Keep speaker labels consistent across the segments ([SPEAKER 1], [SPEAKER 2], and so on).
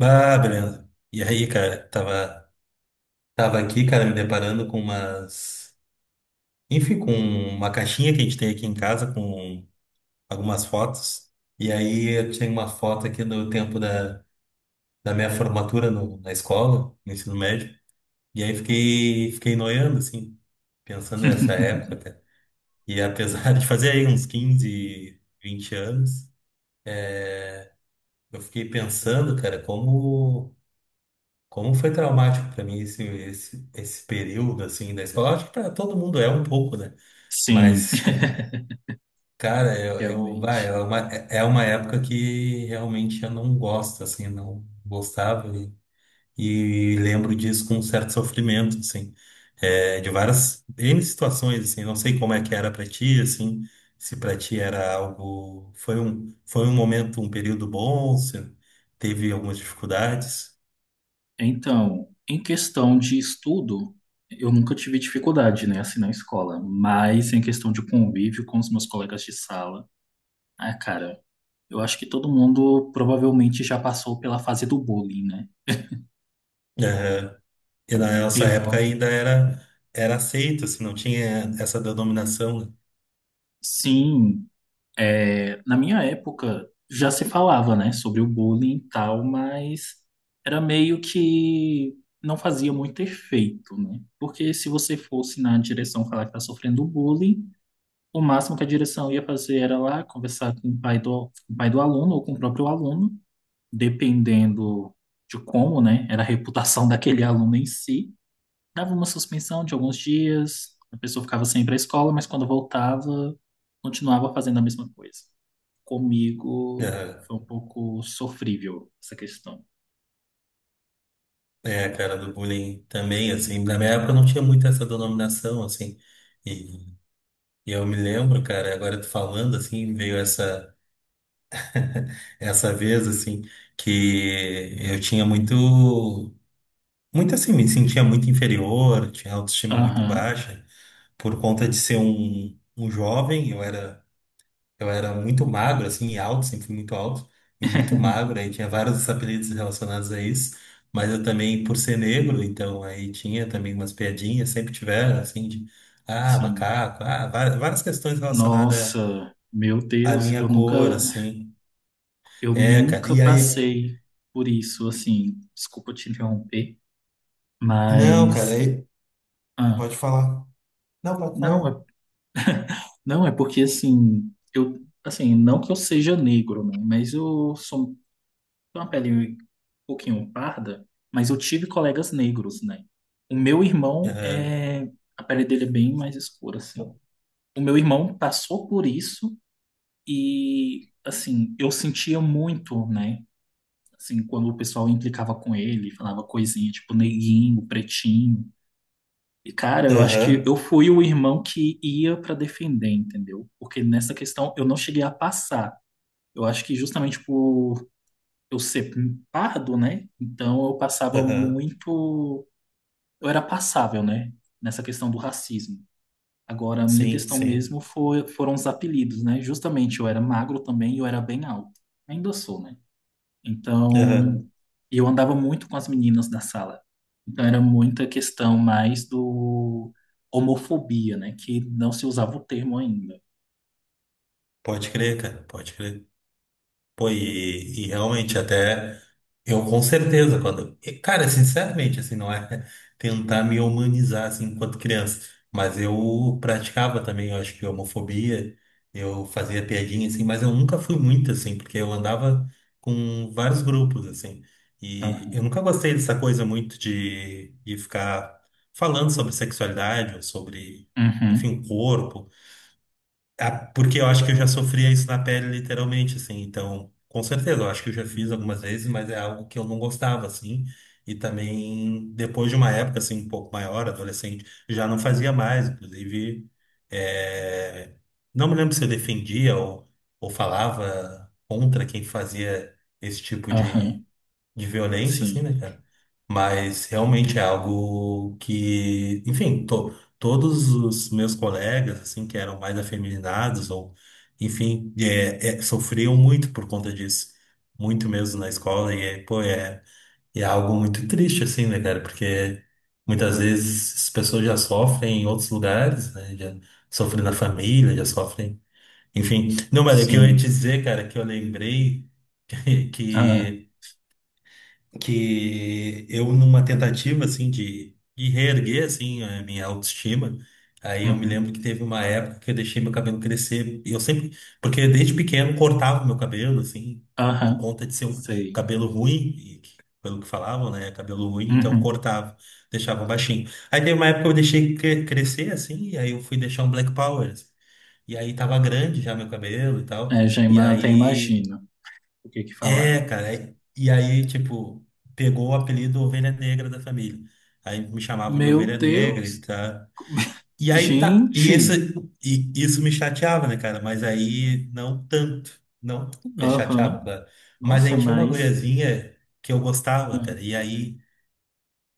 [SPEAKER 1] Ah, Brenda. E aí, cara, tava aqui, cara, me deparando com umas. Enfim, com uma caixinha que a gente tem aqui em casa com algumas fotos. E aí eu tinha uma foto aqui do tempo da minha formatura na escola, no ensino médio. E aí fiquei noiando, assim, pensando nessa época, cara. E apesar de fazer aí uns 15 20 anos, eu fiquei pensando, cara, Como foi traumático para mim esse período assim da escola? Acho que para todo mundo é um pouco, né?
[SPEAKER 2] Sim,
[SPEAKER 1] Mas, cara, vai, é
[SPEAKER 2] realmente.
[SPEAKER 1] uma, é uma época que realmente eu não gosto, assim, não gostava e lembro disso com um certo sofrimento, assim, é, de várias N situações, assim, não sei como é que era para ti, assim, se para ti era algo, foi um momento, um período bom, se teve algumas dificuldades.
[SPEAKER 2] Então, em questão de estudo, eu nunca tive dificuldade, né, assim, na escola, mas em questão de convívio com os meus colegas de sala, ah, cara, eu acho que todo mundo provavelmente já passou pela fase do bullying, né?
[SPEAKER 1] E na nossa época
[SPEAKER 2] Eu,
[SPEAKER 1] ainda era, era aceito, assim, não tinha essa denominação, né?
[SPEAKER 2] sim. É, na minha época já se falava, né, sobre o bullying e tal, mas era meio que não fazia muito efeito, né? Porque se você fosse na direção falar que tá sofrendo bullying, o máximo que a direção ia fazer era lá conversar com com o pai do aluno ou com o próprio aluno, dependendo de como, né, era a reputação daquele aluno em si. Dava uma suspensão de alguns dias, a pessoa ficava sem ir para a escola, mas quando voltava, continuava fazendo a mesma coisa. Comigo foi um pouco sofrível essa questão.
[SPEAKER 1] É, a cara do bullying também, assim. Na minha época não tinha muito essa denominação, assim. E, e eu me lembro, cara, agora tu falando, assim, veio essa vez, assim, que eu tinha muito. Muito assim, me sentia muito inferior, tinha autoestima muito
[SPEAKER 2] Aham,
[SPEAKER 1] baixa, por conta de ser um jovem, Eu era muito magro, assim, e alto, sempre fui muito alto e muito magro, aí tinha vários apelidos relacionados a isso, mas eu também, por ser negro, então aí tinha também umas piadinhas, sempre tiveram, assim, de, ah,
[SPEAKER 2] sim.
[SPEAKER 1] macaco, ah, várias, várias questões relacionadas
[SPEAKER 2] Nossa, meu
[SPEAKER 1] à
[SPEAKER 2] Deus,
[SPEAKER 1] minha cor, assim.
[SPEAKER 2] eu
[SPEAKER 1] É, cara,
[SPEAKER 2] nunca
[SPEAKER 1] e aí,
[SPEAKER 2] passei por isso, assim. Desculpa te interromper,
[SPEAKER 1] não, cara,
[SPEAKER 2] mas
[SPEAKER 1] aí,
[SPEAKER 2] ah,
[SPEAKER 1] pode falar. Não, pode
[SPEAKER 2] não, é,
[SPEAKER 1] falar.
[SPEAKER 2] não é porque assim, não que eu seja negro, né, mas eu sou. Tenho uma pele um pouquinho parda, mas eu tive colegas negros, né? O meu irmão
[SPEAKER 1] Aham,
[SPEAKER 2] é. A pele dele é bem mais escura, assim. O meu irmão passou por isso e, assim, eu sentia muito, né? Assim, quando o pessoal implicava com ele, falava coisinha tipo neguinho, pretinho. E, cara, eu acho que
[SPEAKER 1] aham,
[SPEAKER 2] eu fui o irmão que ia pra defender, entendeu? Porque nessa questão eu não cheguei a passar. Eu acho que justamente por eu ser pardo, né? Então eu passava
[SPEAKER 1] aham,
[SPEAKER 2] muito, eu era passável, né? Nessa questão do racismo. Agora, a minha
[SPEAKER 1] sim,
[SPEAKER 2] questão
[SPEAKER 1] sim,
[SPEAKER 2] mesmo foi, foram os apelidos, né? Justamente eu era magro também e eu era bem alto. Ainda sou, né? Então,
[SPEAKER 1] aham,
[SPEAKER 2] eu andava muito com as meninas da sala. Então era muita questão mais do homofobia, né? Que não se usava o termo ainda.
[SPEAKER 1] pode crer, cara, pode crer. Pô, e realmente até eu com certeza quando, e, cara, sinceramente, assim, não é tentar me humanizar assim enquanto criança, mas eu praticava também, eu acho que homofobia, eu fazia piadinha assim, mas eu nunca fui muito assim, porque eu andava com vários grupos assim. E
[SPEAKER 2] Aham,
[SPEAKER 1] eu nunca gostei dessa coisa muito de, ficar falando sobre sexualidade ou sobre,
[SPEAKER 2] uhum,
[SPEAKER 1] enfim, corpo. Ah, porque eu acho que eu já sofria isso na pele, literalmente, assim. Então, com certeza, eu acho que eu já fiz algumas vezes, mas é algo que eu não gostava, assim. E também, depois de uma época, assim, um pouco maior, adolescente, já não fazia mais. Inclusive, é, não me lembro se eu defendia ou falava contra quem fazia esse tipo de,
[SPEAKER 2] aham,
[SPEAKER 1] violência, assim,
[SPEAKER 2] sim,
[SPEAKER 1] né, cara? Mas realmente é algo que, enfim, todos os meus colegas, assim, que eram mais afeminados, ou, enfim, sofriam muito por conta disso, muito mesmo na escola, e é, pô, é algo muito triste, assim, né, cara? Porque muitas vezes as pessoas já sofrem em outros lugares, né? Já sofrem na família, já sofrem, enfim. Não, mas o que eu ia te
[SPEAKER 2] sim,
[SPEAKER 1] dizer, cara, que eu lembrei
[SPEAKER 2] aham,
[SPEAKER 1] que que eu numa tentativa assim de, reerguer assim a minha autoestima, aí eu me
[SPEAKER 2] uhum,
[SPEAKER 1] lembro que teve uma época que eu deixei meu cabelo crescer, e eu sempre, porque desde pequeno cortava meu cabelo assim, por
[SPEAKER 2] aham,
[SPEAKER 1] conta de ser um
[SPEAKER 2] sei.
[SPEAKER 1] cabelo ruim, e que- pelo que falavam, né, cabelo ruim, então
[SPEAKER 2] Uhum.
[SPEAKER 1] cortava, deixava baixinho. Aí teve uma época que eu deixei crescer assim, e aí eu fui deixar um Black Power, assim. E aí tava grande já meu cabelo e tal.
[SPEAKER 2] É,
[SPEAKER 1] E
[SPEAKER 2] até
[SPEAKER 1] aí
[SPEAKER 2] imagino o que que
[SPEAKER 1] é,
[SPEAKER 2] falaram.
[SPEAKER 1] cara. E aí, tipo, pegou o apelido Ovelha Negra da família. Aí me chamavam de
[SPEAKER 2] Meu
[SPEAKER 1] Ovelha Negra e
[SPEAKER 2] Deus!
[SPEAKER 1] tá. E aí tá. E,
[SPEAKER 2] Gente!
[SPEAKER 1] esse, e isso me chateava, né, cara? Mas aí não tanto. Não tanto me chateava,
[SPEAKER 2] Aham.
[SPEAKER 1] claro. Mas
[SPEAKER 2] Nossa,
[SPEAKER 1] aí tinha uma
[SPEAKER 2] mas
[SPEAKER 1] guriazinha que eu gostava, cara.
[SPEAKER 2] ah,
[SPEAKER 1] E aí.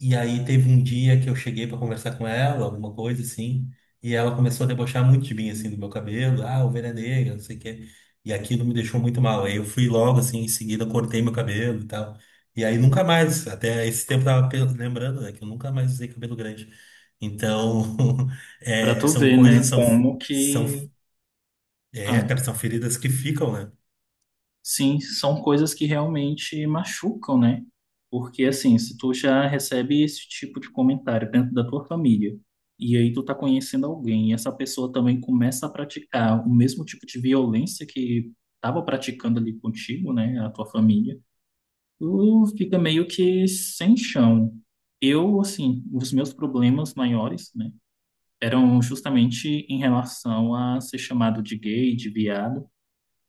[SPEAKER 1] E aí teve um dia que eu cheguei pra conversar com ela, alguma coisa assim, e ela começou a debochar muito de mim, assim, do meu cabelo, ah, ovelha negra, não sei o quê. E aquilo me deixou muito mal. Aí eu fui logo, assim, em seguida cortei meu cabelo e tal. E aí nunca mais, até esse tempo eu tava lembrando, né, que eu nunca mais usei cabelo grande. Então,
[SPEAKER 2] pra
[SPEAKER 1] é,
[SPEAKER 2] tu
[SPEAKER 1] são
[SPEAKER 2] ver,
[SPEAKER 1] coisas,
[SPEAKER 2] né? Como
[SPEAKER 1] são,
[SPEAKER 2] que.
[SPEAKER 1] é,
[SPEAKER 2] Ah,
[SPEAKER 1] cara, são feridas que ficam, né?
[SPEAKER 2] sim, são coisas que realmente machucam, né? Porque assim, se tu já recebe esse tipo de comentário dentro da tua família, e aí tu tá conhecendo alguém, e essa pessoa também começa a praticar o mesmo tipo de violência que tava praticando ali contigo, né? A tua família. Tu fica meio que sem chão. Eu, assim, os meus problemas maiores, né, eram justamente em relação a ser chamado de gay, de viado.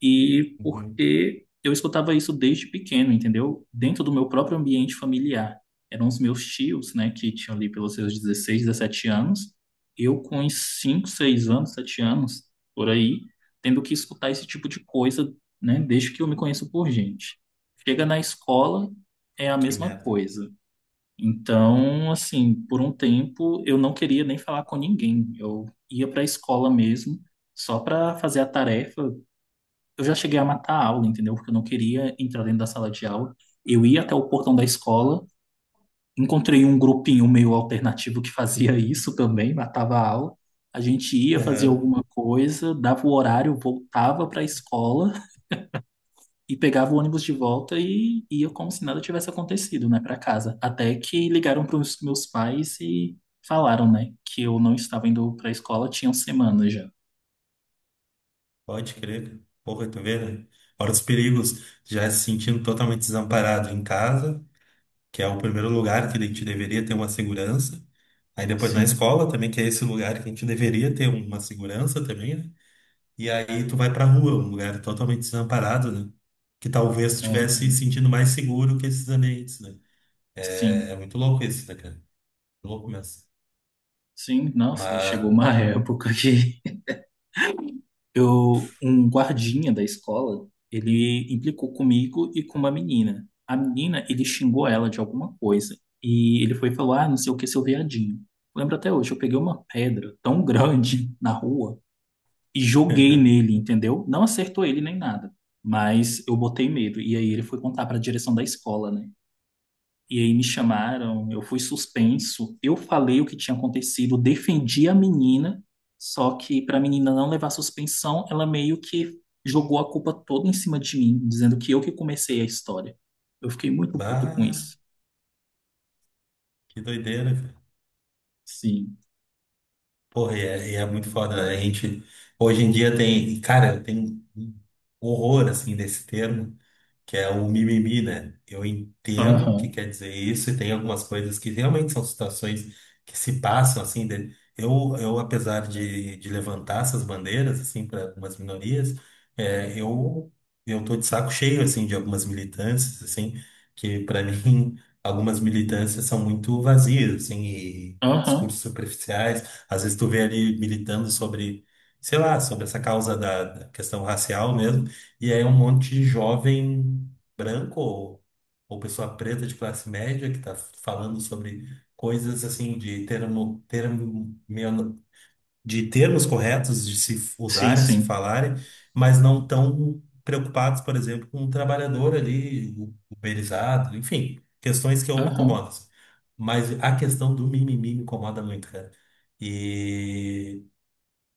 [SPEAKER 2] E
[SPEAKER 1] Uhum,
[SPEAKER 2] porque eu escutava isso desde pequeno, entendeu? Dentro do meu próprio ambiente familiar. Eram os meus tios, né, que tinham ali pelos seus 16, 17 anos. Eu com uns 5, 6 anos, 7 anos, por aí, tendo que escutar esse tipo de coisa, né, desde que eu me conheço por gente. Chega na escola, é a
[SPEAKER 1] que
[SPEAKER 2] mesma
[SPEAKER 1] merda.
[SPEAKER 2] coisa. Então, assim, por um tempo eu não queria nem falar com ninguém. Eu ia para a escola mesmo só para fazer a tarefa, eu já cheguei a matar a aula, entendeu? Porque eu não queria entrar dentro da sala de aula. Eu ia até o portão da escola, encontrei um grupinho meio alternativo que fazia isso também, matava a aula. A gente ia fazer
[SPEAKER 1] Aham.
[SPEAKER 2] alguma coisa, dava o horário, voltava para a escola e pegava o ônibus de volta e ia como se nada tivesse acontecido, né, para casa. Até que ligaram para os meus pais e falaram, né, que eu não estava indo para a escola, tinham semanas já.
[SPEAKER 1] Pode crer. Porra, tu vê, né? Fora dos perigos, já se sentindo totalmente desamparado em casa, que é o primeiro lugar que a gente deveria ter uma segurança. Aí depois na
[SPEAKER 2] Sim,
[SPEAKER 1] escola também, que é esse lugar que a gente deveria ter uma segurança também, né? E aí tu vai pra rua, um lugar totalmente desamparado, né? Que talvez tu estivesse se
[SPEAKER 2] aham,
[SPEAKER 1] sentindo mais seguro que esses ambientes, né? É, é
[SPEAKER 2] sim.
[SPEAKER 1] muito louco isso, né, cara? Louco mesmo.
[SPEAKER 2] Sim, nossa,
[SPEAKER 1] Mas,
[SPEAKER 2] chegou uma época que eu, um guardinha da escola, ele implicou comigo e com uma menina. A menina, ele xingou ela de alguma coisa e ele foi falar, ah, não sei o que, seu viadinho. Lembro até hoje, eu peguei uma pedra tão grande na rua e joguei nele, entendeu? Não acertou ele nem nada, mas eu botei medo. E aí ele foi contar para a direção da escola, né? E aí me chamaram, eu fui suspenso, eu falei o que tinha acontecido, defendi a menina, só que para a menina não levar suspensão, ela meio que jogou a culpa toda em cima de mim, dizendo que eu que comecei a história. Eu fiquei muito puto com
[SPEAKER 1] bah,
[SPEAKER 2] isso.
[SPEAKER 1] que doideira.
[SPEAKER 2] Sim.
[SPEAKER 1] Porra, e é muito foda, né? A gente, hoje em dia tem, cara, tem um horror, assim, desse termo que é o mimimi, né? Eu entendo o que
[SPEAKER 2] Aham.
[SPEAKER 1] quer dizer isso e tem algumas coisas que realmente são situações que se passam assim. Eu, apesar de, levantar essas bandeiras assim para algumas minorias, é, eu tô de saco cheio assim de algumas militâncias assim que para mim algumas militâncias são muito vazias assim e
[SPEAKER 2] Aham.
[SPEAKER 1] discursos superficiais. Às vezes tu vê ali militando sobre, sei lá, sobre essa causa da questão racial mesmo e aí um monte de jovem branco ou pessoa preta de classe média que está falando sobre coisas assim de de termos corretos de se
[SPEAKER 2] Sim,
[SPEAKER 1] usarem, se
[SPEAKER 2] sim.
[SPEAKER 1] falarem, mas não tão preocupados, por exemplo, com o trabalhador ali, o uberizado, enfim, questões que eu me incomodo,
[SPEAKER 2] Aham.
[SPEAKER 1] assim. Mas a questão do mimimi me incomoda muito, cara. E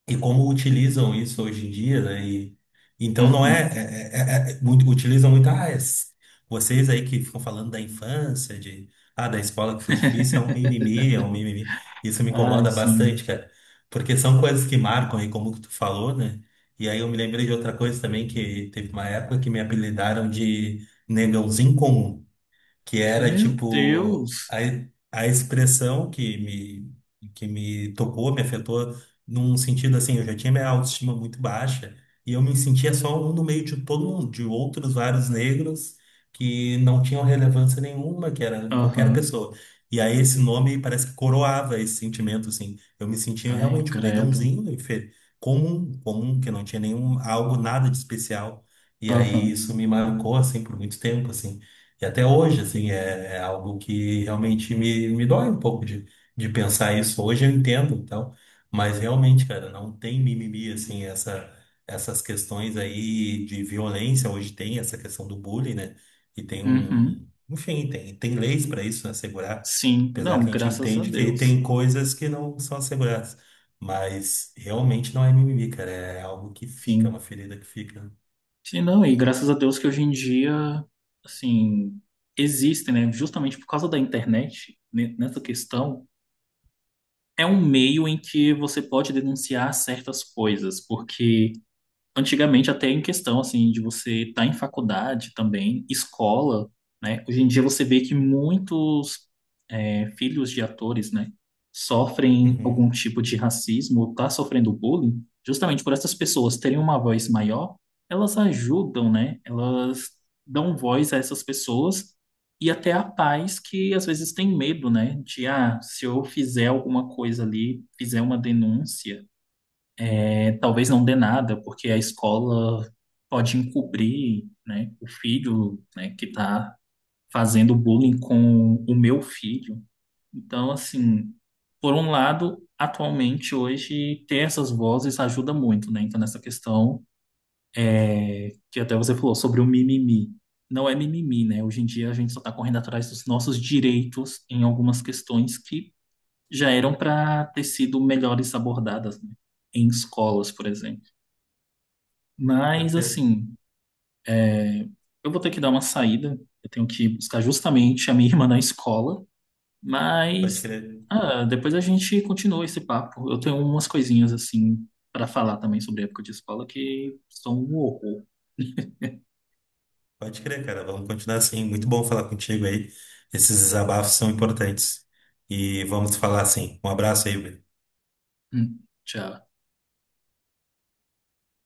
[SPEAKER 1] e como utilizam isso hoje em dia, né? E, então não é,
[SPEAKER 2] Uhum.
[SPEAKER 1] utilizam muito, ah, vocês aí que ficam falando da infância, de ah, da escola que foi difícil, é um mimimi, é um mimimi. Isso me
[SPEAKER 2] Ai,
[SPEAKER 1] incomoda bastante,
[SPEAKER 2] sim.
[SPEAKER 1] cara. Porque são coisas que marcam aí, como que tu falou, né? E aí eu me lembrei de outra coisa também, que teve uma época que me apelidaram de negãozinho comum que era
[SPEAKER 2] Meu
[SPEAKER 1] tipo
[SPEAKER 2] Deus.
[SPEAKER 1] a expressão que me tocou, me afetou num sentido assim, eu já tinha minha autoestima muito baixa e eu me sentia só um no meio de todo mundo, de outros vários negros que não tinham relevância nenhuma, que era qualquer
[SPEAKER 2] Aham.
[SPEAKER 1] pessoa. E aí esse nome parece que coroava esse sentimento, assim. Eu me sentia
[SPEAKER 2] Ai,
[SPEAKER 1] realmente um
[SPEAKER 2] credo.
[SPEAKER 1] negãozinho, comum, comum, que não tinha nenhum algo, nada de especial. E aí
[SPEAKER 2] Aham.
[SPEAKER 1] isso me marcou, assim, por muito tempo, assim. E até hoje, assim, é, é algo que realmente me dói um pouco de, pensar isso. Hoje eu entendo, então, mas realmente, cara, não tem mimimi, assim, essas questões aí de violência. Hoje tem essa questão do bullying, né? E tem
[SPEAKER 2] Uhum.
[SPEAKER 1] um, enfim, tem leis para isso, né? Assegurar,
[SPEAKER 2] Sim.
[SPEAKER 1] apesar que
[SPEAKER 2] Não,
[SPEAKER 1] a gente
[SPEAKER 2] graças a
[SPEAKER 1] entende que
[SPEAKER 2] Deus.
[SPEAKER 1] tem coisas que não são asseguradas. Mas realmente não é mimimi, cara. É algo que fica, uma
[SPEAKER 2] Sim.
[SPEAKER 1] ferida que fica.
[SPEAKER 2] Sim, não, e graças a Deus que hoje em dia, assim, existem, né? Justamente por causa da internet, né, nessa questão, é um meio em que você pode denunciar certas coisas, porque antigamente até em questão assim de você estar em faculdade também, escola, né? Hoje em dia você vê que muitos é, filhos de atores, né, sofrem algum
[SPEAKER 1] Uhum,
[SPEAKER 2] tipo de racismo ou tá sofrendo bullying, justamente por essas pessoas terem uma voz maior, elas ajudam, né? Elas dão voz a essas pessoas e até a pais que às vezes têm medo, né? De ah, se eu fizer alguma coisa ali, fizer uma denúncia, é, talvez não dê nada, porque a escola pode encobrir, né, o filho, né, que está fazendo bullying com o meu filho. Então, assim, por um lado, atualmente, hoje, ter essas vozes ajuda muito, né? Então, nessa questão que até você falou sobre o mimimi. Não é mimimi, né? Hoje em dia a gente só está correndo atrás dos nossos direitos em algumas questões que já eram para ter sido melhores abordadas, né? Em escolas, por exemplo. Mas,
[SPEAKER 1] certeza.
[SPEAKER 2] assim, eu vou ter que dar uma saída. Eu tenho que buscar justamente a minha irmã na escola.
[SPEAKER 1] Pode
[SPEAKER 2] Mas
[SPEAKER 1] crer.
[SPEAKER 2] ah, depois a gente continua esse papo. Eu tenho umas coisinhas assim para falar também sobre a época de escola que são um horror.
[SPEAKER 1] Pode crer, cara. Vamos continuar assim. Muito bom falar contigo aí. Esses desabafos são importantes. E vamos falar assim. Um abraço aí, Bruno.
[SPEAKER 2] Hum, tchau.